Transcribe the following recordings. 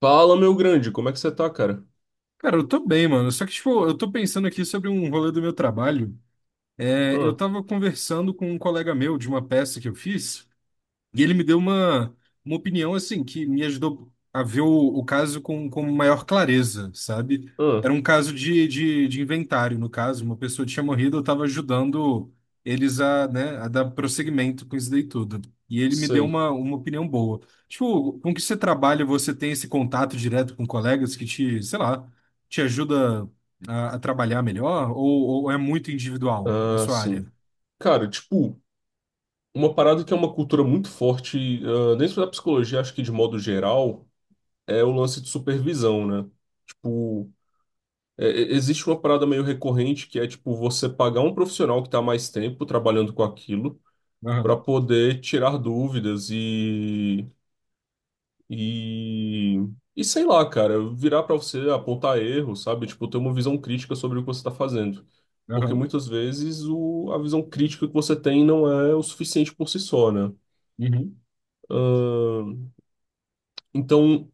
Fala, meu grande, como é que você tá, cara? Cara, eu tô bem, mano. Só que, tipo, eu tô pensando aqui sobre um rolê do meu trabalho. É, eu Ah, tava conversando com um colega meu de uma peça que eu fiz. E ele me deu uma opinião assim que me ajudou a ver o caso com maior clareza, sabe? ah, Era um caso de inventário, no caso, uma pessoa tinha morrido, eu estava ajudando eles a, né, a dar prosseguimento com isso daí tudo. E ele me deu sei. Uma opinião boa. Tipo, com que você trabalha, você tem esse contato direto com colegas que te, sei lá, te ajuda a trabalhar melhor, ou é muito individual na Ah, sua área? sim. Cara, tipo, uma parada que é uma cultura muito forte, dentro da psicologia, acho que de modo geral, é o lance de supervisão, né? Tipo, é- existe uma parada meio recorrente que é, tipo, você pagar um profissional que tá há mais tempo trabalhando com aquilo pra Aham, poder tirar dúvidas e E, e sei lá, cara, virar pra você apontar erro, sabe? Tipo, ter uma visão crítica sobre o que você tá fazendo. Porque aham. muitas vezes o, a visão crítica que você tem não é o suficiente por si só, né? Uhum. Ahn, então,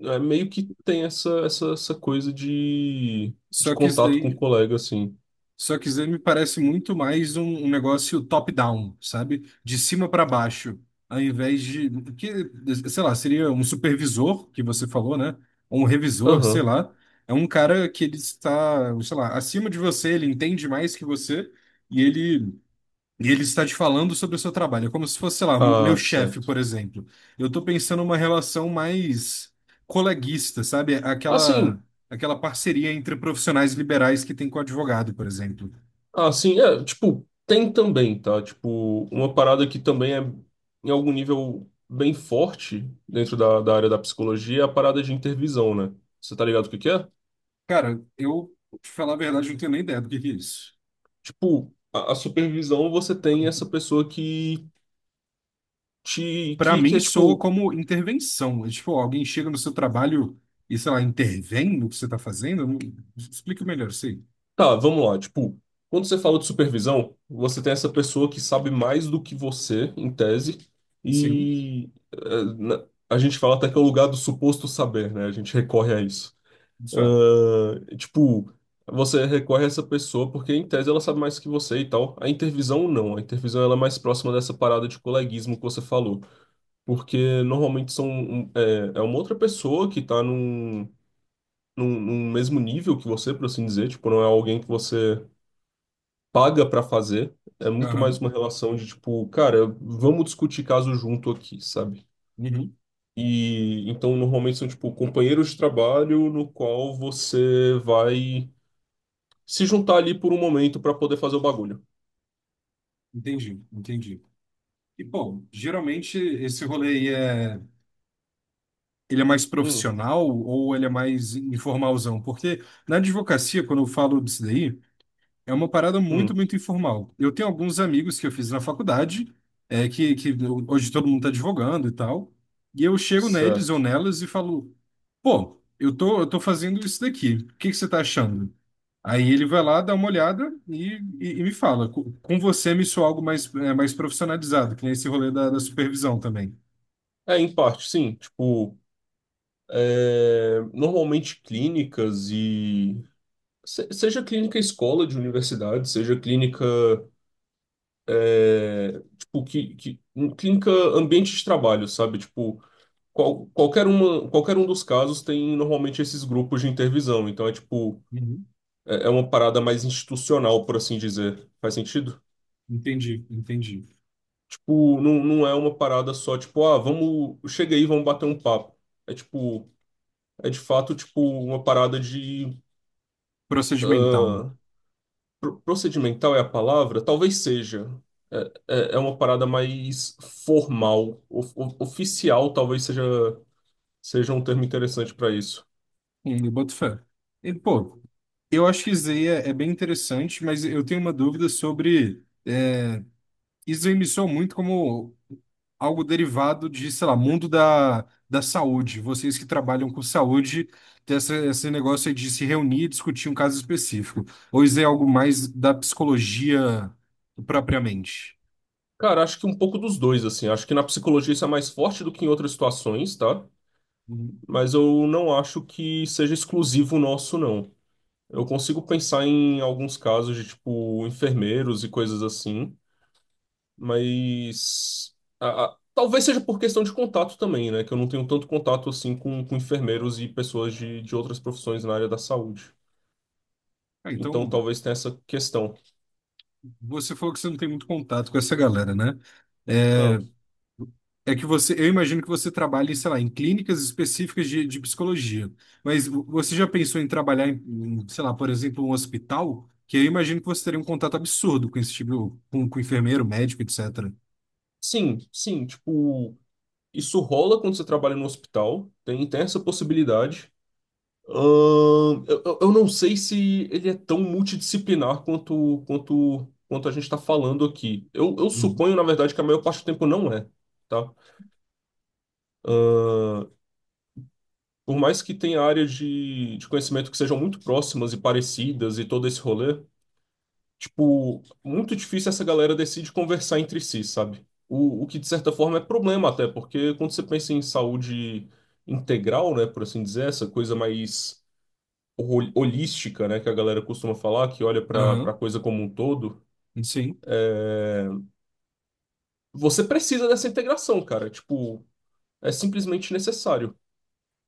é meio que tem essa, essa coisa de Só que isso contato com o daí. colega, assim. Só que Zen me parece muito mais um negócio top-down, sabe? De cima para baixo, ao invés de, que, sei lá, seria um supervisor, que você falou, né? Ou um revisor, sei Aham. lá. É um cara que ele está, sei lá, acima de você, ele entende mais que você e ele, e ele está te falando sobre o seu trabalho. É como se fosse, sei lá, meu Ah, chefe, certo. por exemplo. Eu estou pensando numa relação mais coleguista, sabe? Assim. Aquela parceria entre profissionais liberais que tem com o advogado, por exemplo. Ah, sim, é, tipo, tem também, tá? Tipo, uma parada que também é, em algum nível, bem forte dentro da área da psicologia é a parada de intervisão, né? Você tá ligado o que que é? Cara, eu, pra te falar a verdade, não tenho nem ideia do que é isso. Tipo, a supervisão você tem essa pessoa que te, Pra que mim, é soa tipo, como intervenção. É tipo, alguém chega no seu trabalho e, sei lá, intervém no que você tá fazendo? Explica melhor, sim. tá, vamos lá, tipo, quando você fala de supervisão, você tem essa pessoa que sabe mais do que você, em tese, Sim, e a gente fala até que é o lugar do suposto saber, né? A gente recorre a isso. isso é. Ah, tipo, você recorre a essa pessoa porque, em tese, ela sabe mais que você e tal. A intervisão, não. A intervisão ela é mais próxima dessa parada de coleguismo que você falou. Porque, normalmente, são, é, é uma outra pessoa que tá num, num mesmo nível que você, por assim dizer. Tipo, não é alguém que você paga pra fazer. É muito mais Aham. uma relação de, tipo, cara, vamos discutir caso junto aqui, sabe? Uhum. E então normalmente são tipo companheiros de trabalho no qual você vai se juntar ali por um momento para poder fazer o bagulho. Entendi, entendi. E, bom, geralmente esse rolê aí é, ele é mais Hum, profissional ou ele é mais informalzão? Porque na advocacia, quando eu falo disso daí, é uma parada muito, hum, muito informal. Eu tenho alguns amigos que eu fiz na faculdade, é, que hoje todo mundo está advogando e tal, e eu chego neles ou certo. nelas e falo, pô, eu tô fazendo isso daqui, o que que você tá achando? Aí ele vai lá, dá uma olhada e me fala. Com você me soa algo mais, é, mais profissionalizado, que nem esse rolê da supervisão também. É, em parte, sim. Tipo, é, normalmente clínicas e. Seja clínica escola de universidade, seja clínica. É, tipo, clínica ambiente de trabalho, sabe? Tipo, qualquer uma, qualquer um dos casos tem normalmente esses grupos de intervisão. Então é tipo. Uhum. É uma parada mais institucional, por assim dizer. Faz sentido? Entendi, entendi. Tipo, não, não é uma parada só, tipo, ah, vamos, chega aí, vamos bater um papo. É tipo, é de fato, tipo, uma parada de, Procedimental. ah, procedimental é a palavra? Talvez seja. É, é uma parada mais formal, oficial, talvez seja, seja um termo interessante para isso. Eu boto fé. E, pô, eu acho que isso é, é bem interessante, mas eu tenho uma dúvida sobre é, isso me soa muito como algo derivado de, sei lá, mundo da saúde. Vocês que trabalham com saúde, tem essa, esse negócio aí de se reunir e discutir um caso específico. Ou isso é algo mais da psicologia propriamente? Cara, acho que um pouco dos dois, assim. Acho que na psicologia isso é mais forte do que em outras situações, tá? Uhum. Mas eu não acho que seja exclusivo nosso, não. Eu consigo pensar em alguns casos de, tipo, enfermeiros e coisas assim, mas talvez seja por questão de contato também, né? Que eu não tenho tanto contato assim com enfermeiros e pessoas de outras profissões na área da saúde. Ah, Então então, talvez tenha essa questão. você falou que você não tem muito contato com essa galera, né? É, Ah, é que você, eu imagino que você trabalhe, sei lá, em clínicas específicas de psicologia. Mas você já pensou em trabalhar em, em, sei lá, por exemplo, um hospital? Que eu imagino que você teria um contato absurdo com esse tipo, com enfermeiro, médico, etc. sim, sim, tipo, isso rola quando você trabalha no hospital, tem, tem essa possibilidade. Eu não sei se ele é tão multidisciplinar quanto, quanto a gente está falando aqui. Eu Uhum. suponho, na verdade, que a maior parte do tempo não é, tá? Ahn, por mais que tenha áreas de conhecimento que sejam muito próximas e parecidas e todo esse rolê, tipo, muito difícil essa galera decide conversar entre si, sabe? O que, de certa forma, é problema até, porque quando você pensa em saúde integral, né, por assim dizer, essa coisa mais holística, né, que a galera costuma falar, que olha para Aham, coisa como um todo, sim. você precisa dessa integração, cara. Tipo, é simplesmente necessário.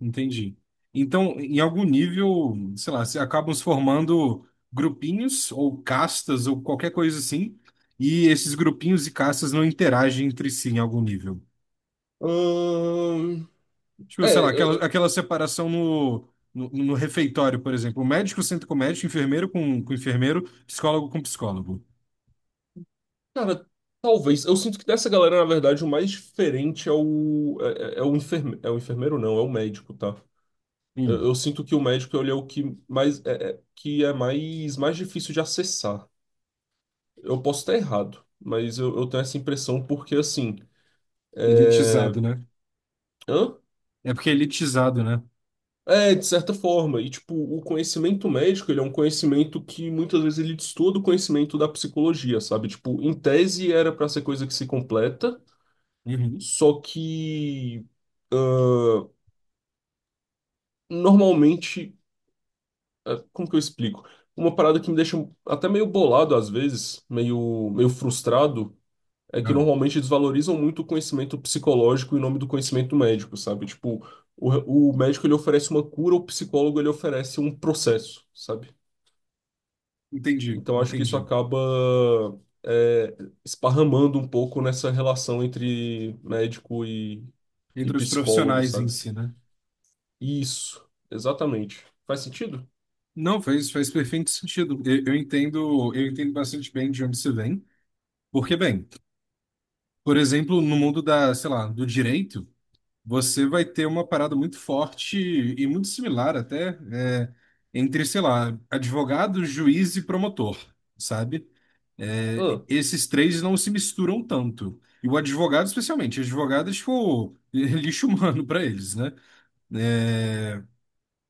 Entendi. Então, em algum nível, sei lá, se acabam se formando grupinhos ou castas ou qualquer coisa assim, e esses grupinhos e castas não interagem entre si em algum nível. Ahn, Tipo, sei é, lá, eu- aquela, eu- aquela separação no refeitório, por exemplo, médico senta com médico, enfermeiro com enfermeiro, psicólogo com psicólogo. cara, talvez. Eu sinto que dessa galera, na verdade, o mais diferente é o é, é o enferme, é o enfermeiro, não, é o médico, tá? Hum, Eu sinto que o médico ele é o que mais é, que é mais mais difícil de acessar. Eu posso estar errado, mas eu tenho essa impressão porque assim, é... elitizado, né? Hã? É porque é elitizado, né? É, de certa forma. E, tipo, o conhecimento médico, ele é um conhecimento que muitas vezes ele destoa do conhecimento da psicologia, sabe? Tipo, em tese era pra ser coisa que se completa, Uhum. só que normalmente, como que eu explico? Uma parada que me deixa até meio bolado às vezes, meio frustrado, é que Ah, normalmente desvalorizam muito o conhecimento psicológico em nome do conhecimento médico, sabe? Tipo, o médico ele oferece uma cura, o psicólogo ele oferece um processo, sabe? entendi, Então acho que isso entendi. acaba é, esparramando um pouco nessa relação entre médico e Entre os psicólogo, profissionais em sabe? si, né? Isso, exatamente. Faz sentido? Não, faz, faz perfeito sentido. Eu entendo bastante bem de onde você vem, porque, bem, por exemplo, no mundo da, sei lá, do direito, você vai ter uma parada muito forte e muito similar até, é, entre, sei lá, advogado, juiz e promotor, sabe? É, Hã, esses três não se misturam tanto. E o advogado, especialmente, advogado é tipo lixo humano para eles, né? É,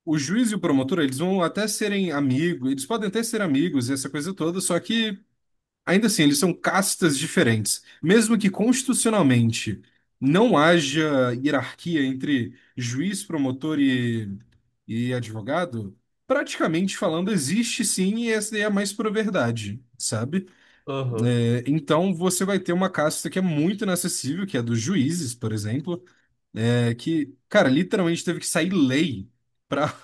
o juiz e o promotor, eles vão até serem amigos, eles podem até ser amigos e essa coisa toda, só que ainda assim, eles são castas diferentes. Mesmo que constitucionalmente não haja hierarquia entre juiz, promotor e advogado, praticamente falando, existe sim, e essa daí é a mais pura verdade, sabe? aham. É, então você vai ter uma casta que é muito inacessível, que é dos juízes, por exemplo é, que, cara, literalmente teve que sair lei para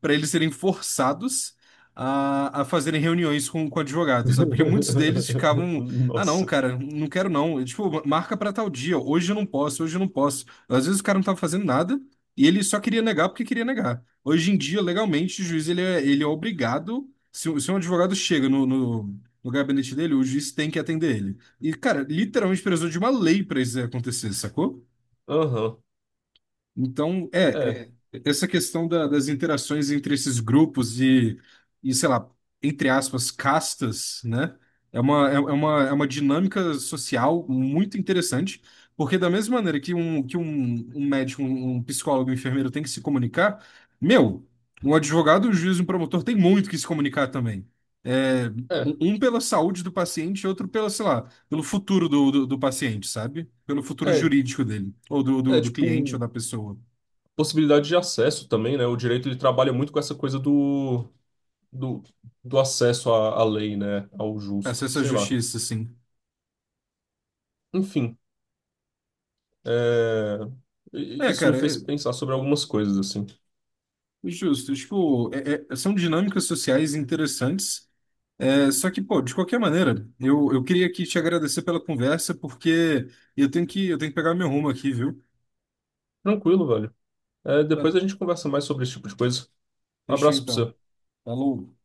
para eles serem forçados a fazerem reuniões com advogados, sabe? Porque muitos deles ficavam, ah, não, Nossa. cara, não quero não. E, tipo, marca para tal dia, hoje eu não posso, hoje eu não posso. Às vezes o cara não tava fazendo nada e ele só queria negar porque queria negar. Hoje em dia, legalmente, o juiz ele é obrigado, se, se um advogado chega no gabinete dele, o juiz tem que atender ele. E, cara, literalmente precisou de uma lei para isso acontecer, sacou? Aham. Então, É, é, é, essa questão das interações entre esses grupos e, sei lá, entre aspas, castas, né? É uma dinâmica social muito interessante, porque da mesma maneira que um médico, um psicólogo, um enfermeiro tem que se comunicar, meu, um advogado, um juiz, um promotor tem muito que se comunicar também. É, é, um pela saúde do paciente, outro pela, sei lá, pelo futuro do paciente, sabe? Pelo futuro é, jurídico dele, ou é do cliente ou tipo da pessoa. possibilidade de acesso também, né? O direito ele trabalha muito com essa coisa do, do, do acesso à, à lei, né? Ao justo, Acesso à sei lá. justiça, assim. Enfim. É, É, isso me cara, fez é pensar sobre algumas coisas, assim. justo. Tipo, são dinâmicas sociais interessantes. É, só que, pô, de qualquer maneira, eu queria aqui te agradecer pela conversa, porque eu tenho que pegar meu rumo aqui, viu? Tranquilo, velho. É, Tá, depois a gente conversa mais sobre esse tipo de coisa. Um fechou abraço pra então. você. Falou.